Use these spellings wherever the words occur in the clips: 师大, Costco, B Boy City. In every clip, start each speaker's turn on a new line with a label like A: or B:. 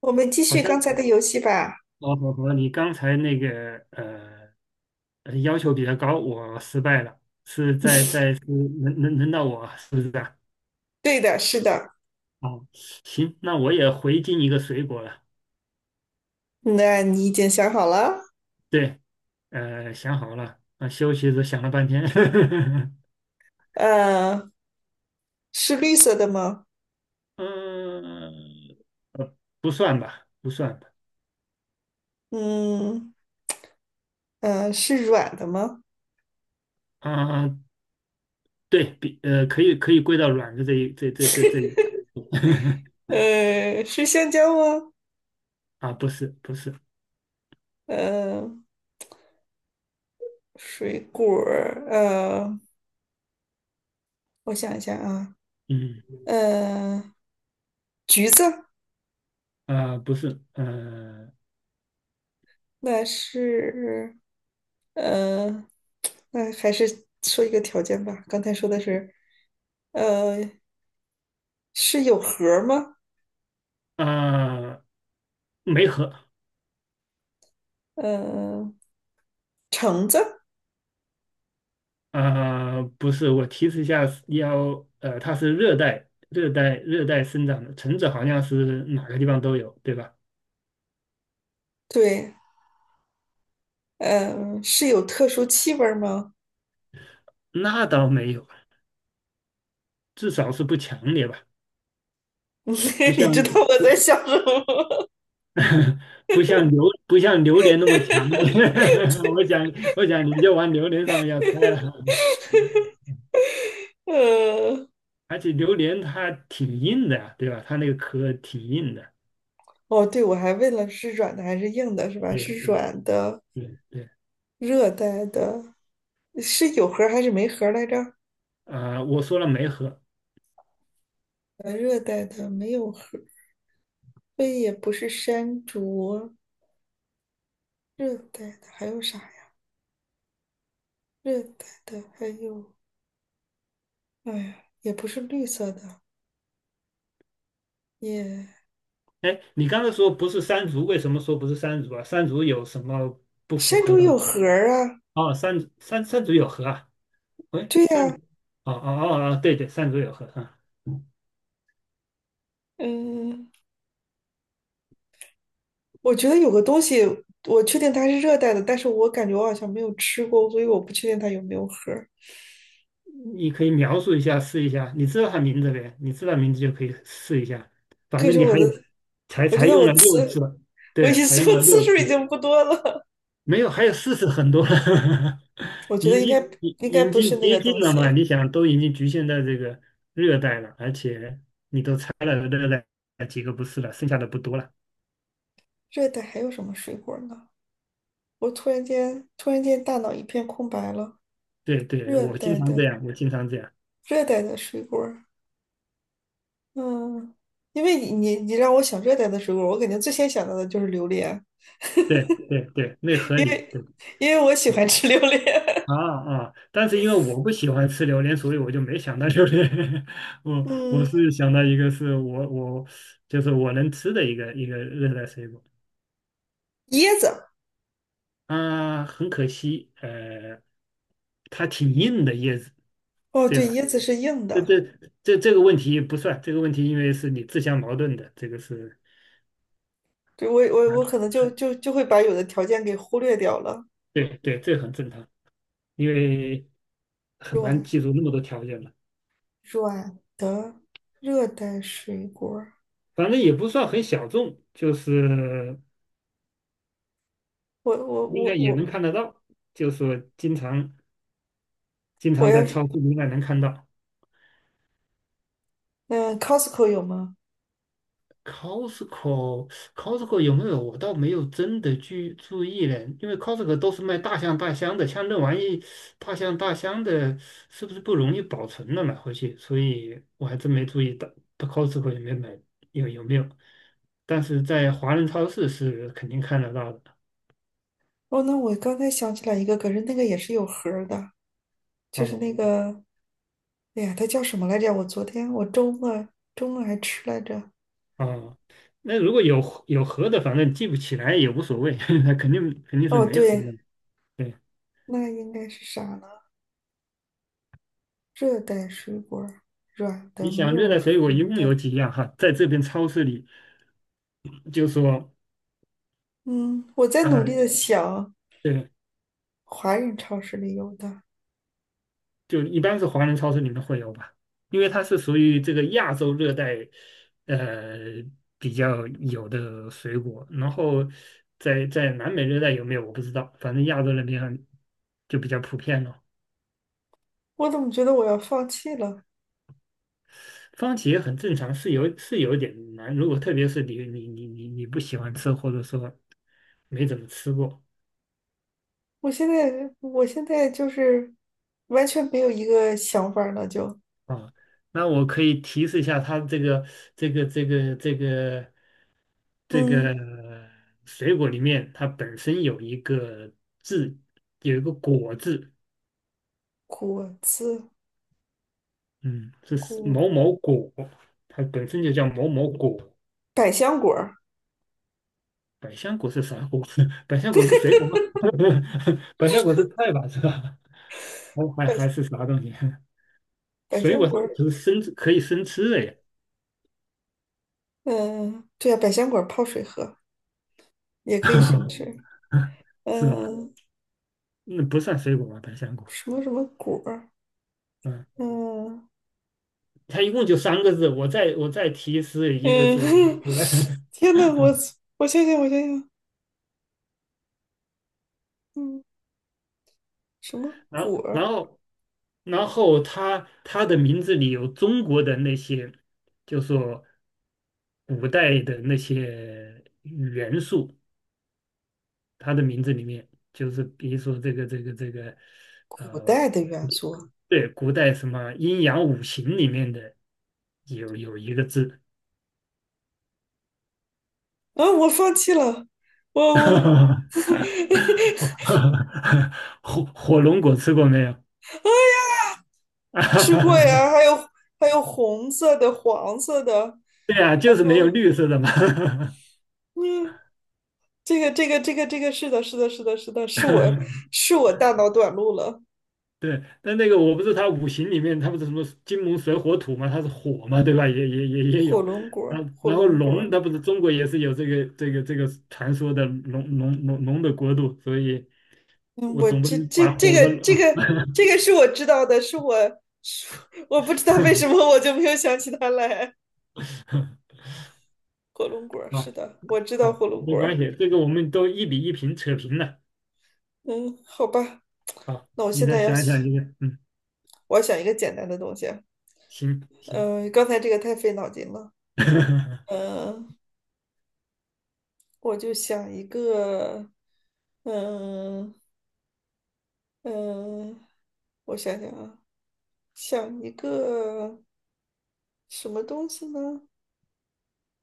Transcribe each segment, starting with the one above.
A: 我们继
B: 好
A: 续
B: 像
A: 刚才的游戏吧。
B: 哦和你刚才那个要求比较高，我失败了，是在在是 轮到我是不是啊？
A: 对的，是的。
B: 哦，行，那我也回敬一个水果了。
A: 那你已经想好了？
B: 对，想好了，啊，休息时想了半天，
A: 呃，是绿色的吗？
B: 嗯呃，不算吧，
A: 嗯，是软的吗？
B: 啊，对比可以归到软的这一这这这这一块
A: 是香蕉吗？
B: 啊，不是，
A: 呃，水果儿我想一下啊，
B: 嗯
A: 呃，橘子，
B: 啊、不是
A: 那是，呃，那还是说一个条件吧。刚才说的是，呃，是有核儿吗？
B: 啊。没核
A: 呃，橙子，
B: 啊？不是，我提示一下，它是热带生长的，橙子好像是哪个地方都有，对吧？
A: 对，嗯，是有特殊气味儿吗？
B: 那倒没有，至少是不强烈吧，不
A: 你
B: 像
A: 知道我
B: 不
A: 在想什么？
B: 不像不像榴莲那么强烈。我想，我想你就往榴莲上面要猜了，
A: 呃，
B: 而且榴莲它挺硬的呀，对吧？它那个壳挺硬的。
A: 哦，对，我还问了是软的还是硬的，是吧？
B: 对
A: 是
B: 对
A: 软的，
B: 对，对，
A: 热带的，是有核儿还是没核儿来着？
B: 啊、我说了没核。
A: 热带的没有核儿 c 也不是山竹，热带的还有啥呀？热带的还有，哎呀，也不是绿色的，也
B: 哎，你刚才说不是山竹，为什么说不是山竹啊？山竹有什么不符
A: 山
B: 合
A: 竹
B: 的
A: 有
B: 吗？
A: 核儿啊。
B: 哦，山竹有核啊？喂，
A: 对
B: 山
A: 呀，
B: 竹，哦，对对，山竹有核啊。
A: 嗯。我觉得有个东西，我确定它是热带的，但是我感觉我好像没有吃过，所以我不确定它有没有核儿。
B: 你可以描述一下，试一下。你知道它名字呗？你知道名字就可以试一下。
A: 可
B: 反
A: 以
B: 正你
A: 说我
B: 还
A: 的，
B: 有，
A: 我觉
B: 才
A: 得
B: 用
A: 我
B: 了六
A: 次，
B: 次，对，才用
A: 我
B: 了
A: 次
B: 六
A: 数已
B: 次。
A: 经不多了。
B: 没有，还有四十很多了，
A: 我觉得应该，应该
B: 已
A: 不是
B: 经
A: 那
B: 接
A: 个
B: 近
A: 东
B: 了嘛？
A: 西。
B: 你想，都已经局限在这个热带了，而且你都猜了热带几个不是了，剩下的不多了。
A: 热带还有什么水果呢？我突然间突然间大脑一片空白了。
B: 对对，
A: 热
B: 我经
A: 带
B: 常
A: 的，
B: 这样，我经常这样。
A: 水果儿，嗯，因为你让我想热带的水果儿，我肯定最先想到的就是榴莲，
B: 对，那合
A: 因
B: 理。
A: 为，
B: 对
A: 因为我喜
B: 对
A: 欢吃榴莲。
B: 啊啊！但是因为我不喜欢吃榴莲，所以我就没想到榴莲。我
A: 嗯，
B: 是想到一个是我我就是我能吃的一个热带水果。
A: 椰子。
B: 啊，很可惜，它挺硬的叶子，
A: 哦，
B: 对
A: 对，
B: 吧？
A: 椰子是硬
B: 这
A: 的，
B: 这这个问题不算，这个问题因为是你自相矛盾的，这个是
A: 对，我
B: 啊
A: 我我可能就就
B: 很
A: 就会把有的条件给忽略掉了。
B: 对对，这很正常，因为很难
A: 软，
B: 记住那么多条件嘛。
A: 软的热带水果儿，
B: 反正也不算很小众，就是
A: 我我
B: 应
A: 我
B: 该也能
A: 我
B: 看得到，就是说经
A: 我
B: 常在
A: 要是，
B: 超市应该能看到。
A: 嗯，Costco 有吗？
B: Costco Costco 有没有？我倒没有真的去注意嘞，因为 Costco 都是卖大箱大箱的，像那玩意大箱大箱的，是不是不容易保存了买回去？所以我还真没注意到Costco 有没买有没有，但是在华人超市是肯定看得到的。
A: 哦，那我刚才想起来一个，可是那个也是有核的，就是
B: 哦
A: 那个，哎呀，它叫什么来着？我昨天我周末，周末还吃来着。
B: 哦，那如果有盒的，反正记不起来也无所谓，那肯定是
A: 哦，
B: 没盒
A: 对，
B: 的。对，
A: 那应该是啥呢？热带水果儿，软的，
B: 你
A: 没
B: 想热
A: 有
B: 带
A: 核。
B: 水果一共
A: 的。
B: 有几样哈？在这边超市里就说。
A: 嗯，我在努力
B: 嗯，
A: 的想，
B: 对，
A: 华人超市里有的，
B: 就一般是华人超市里面会有吧，因为它是属于这个亚洲热带，呃，比较有的水果。然后在在南美热带有没有我不知道，反正亚洲那边就比较普遍了。
A: 我怎么觉得我要放弃了？
B: 番茄很正常，是有是有点难，如果特别是你不喜欢吃，或者说没怎么吃过
A: 我现在，我现在就是完全没有一个想法儿了，就
B: 啊，那我可以提示一下它这个。这
A: 嗯，
B: 个水果里面它本身有一个字，有一个果字，
A: 果子，
B: 嗯，这是
A: 果，
B: 某某果，它本身就叫某某果。
A: 百香果儿，
B: 百香果是啥果？百香果是水果吗？百香果是菜吧，是吧？还
A: 百
B: 是啥东西？
A: 百
B: 水果
A: 香
B: 它
A: 果儿，
B: 只是生吃可以生吃的呀，
A: 嗯，对啊，百香果儿泡水喝也可以生吃，
B: 是吧？
A: 嗯，
B: 那不算水果吧，百香果。
A: 什么什么果儿，
B: 嗯，
A: 嗯，
B: 它一共就三个字，我再提示一个字，
A: 嗯，
B: 我来
A: 天呐，我， 我想想，嗯，什么
B: 然后，
A: 果儿？
B: 然后他的名字里有中国的那些，就说古代的那些元素，他的名字里面就是比如说这个，
A: 古
B: 呃，
A: 代的元素。
B: 对，古代什么阴阳五行里面的有一个字，
A: 啊，我放弃了，我
B: 火龙果吃过没有？
A: 吃过呀，还 有，还有红色的、黄色的，
B: 对啊，就是没有
A: 哦，
B: 绿色的嘛。
A: 嗯，这个这个是的，是的，是的，是的，是我， 是我大脑短路了，
B: 对，但那个我不是他五行里面，他不是什么金木水火土嘛，他是火嘛，对吧？也有，
A: 火
B: 然后
A: 龙果
B: 龙，
A: 儿，
B: 它不是中国也是有这个这个这个传说的龙的国度，所以
A: 嗯，
B: 我
A: 我，
B: 总不能把火
A: 这
B: 和
A: 个，
B: 啊
A: 这个是我知道的，是我，是我不知道为什么我就没有想起它来，火龙果 儿，是
B: 啊
A: 的，我知道
B: 好
A: 火龙
B: 没
A: 果儿，
B: 关系，这个我们都一比一平扯平了
A: 嗯，好吧，
B: 啊，
A: 那我
B: 你
A: 现
B: 再
A: 在要，
B: 想一想这个，嗯，
A: 我要想一个简单的东西。
B: 行，
A: 嗯，刚才这个太费脑筋了。呃，我就想一个，嗯、嗯、我想想啊，想一个什么东西呢？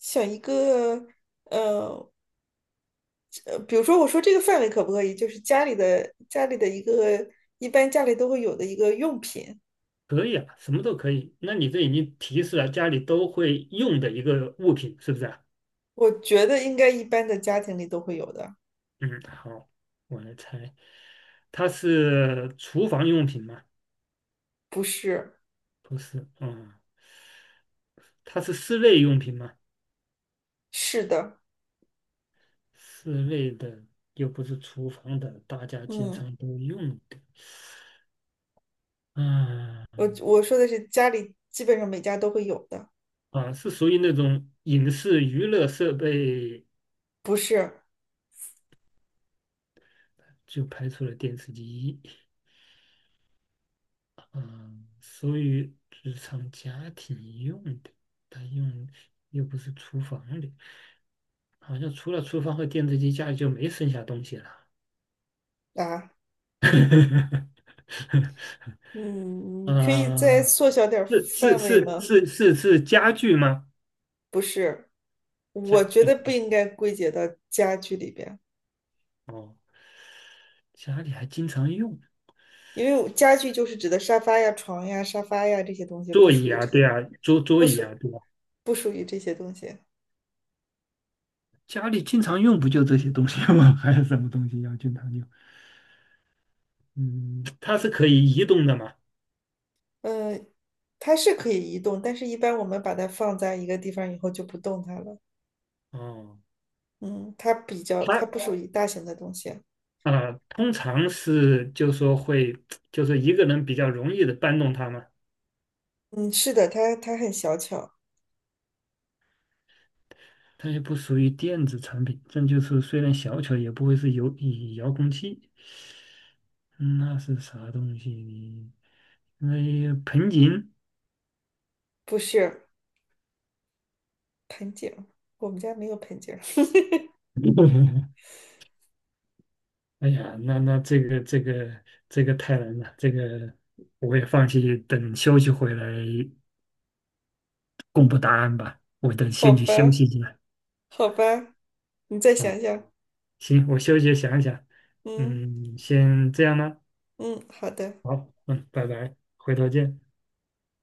A: 想一个，呃比如说我说这个范围可不可以？就是家里的，家里的一个，一般家里都会有的一个用品，
B: 可以啊，什么都可以。那你这已经提示了家里都会用的一个物品，是不是啊？
A: 我觉得应该一般的家庭里都会有的，
B: 嗯，好，我来猜，它是厨房用品吗？
A: 不是？
B: 不是，嗯，它是室内用品吗？
A: 是的，
B: 室内的又不是厨房的，大家经
A: 嗯，
B: 常都用的。嗯，
A: 我我说的是家里基本上每家都会有的，
B: 啊，是属于那种影视娱乐设备，
A: 不是。
B: 就排除了电视机。嗯，属于日常家庭用的，它用又不是厨房的，好像除了厨房和电视机，家里就没剩下东西了。
A: 啊，
B: 呵呵
A: 嗯，你
B: 呵
A: 可以再
B: 啊，
A: 缩小点儿范围吗？
B: 是家具吗？
A: 不是，我
B: 家
A: 觉
B: 具
A: 得不应该归结到家具里边，
B: 哦，家里还经常用
A: 因为我家具就是指的沙发呀、床呀、沙发呀这些东西，不
B: 座
A: 属
B: 椅
A: 于
B: 啊，
A: 这
B: 对
A: 些，
B: 啊，桌桌
A: 不
B: 椅啊，
A: 属
B: 对吧？
A: 不属于这些东西。
B: 家里经常用不就这些东西吗？还有什么东西要经常用？嗯，它是可以移动的嘛？
A: 嗯，它是可以移动，但是一般我们把它放在一个地方以后就不动它了。
B: 哦，
A: 嗯，它比较，它
B: 它
A: 不属于大型的东西。
B: 啊，通常是就说会，就是一个人比较容易的搬动它嘛。
A: 嗯，是的，它它很小巧，
B: 它也不属于电子产品，这就是虽然小巧，也不会是有以遥控器。嗯那是啥东西呢？那盆景？
A: 不是，盆景儿，我们家没有盆景儿，
B: 哎呀，那那这个这个这个太难了，这个我也放弃，等休息回来公布答案吧。我 等
A: 好
B: 先去休
A: 吧。
B: 息一下
A: 好吧，你再
B: 啊。
A: 想想。
B: 行，我休息想一想，
A: 嗯，
B: 嗯，先这样呢。
A: 嗯，好的。
B: 好，嗯，拜拜，回头见。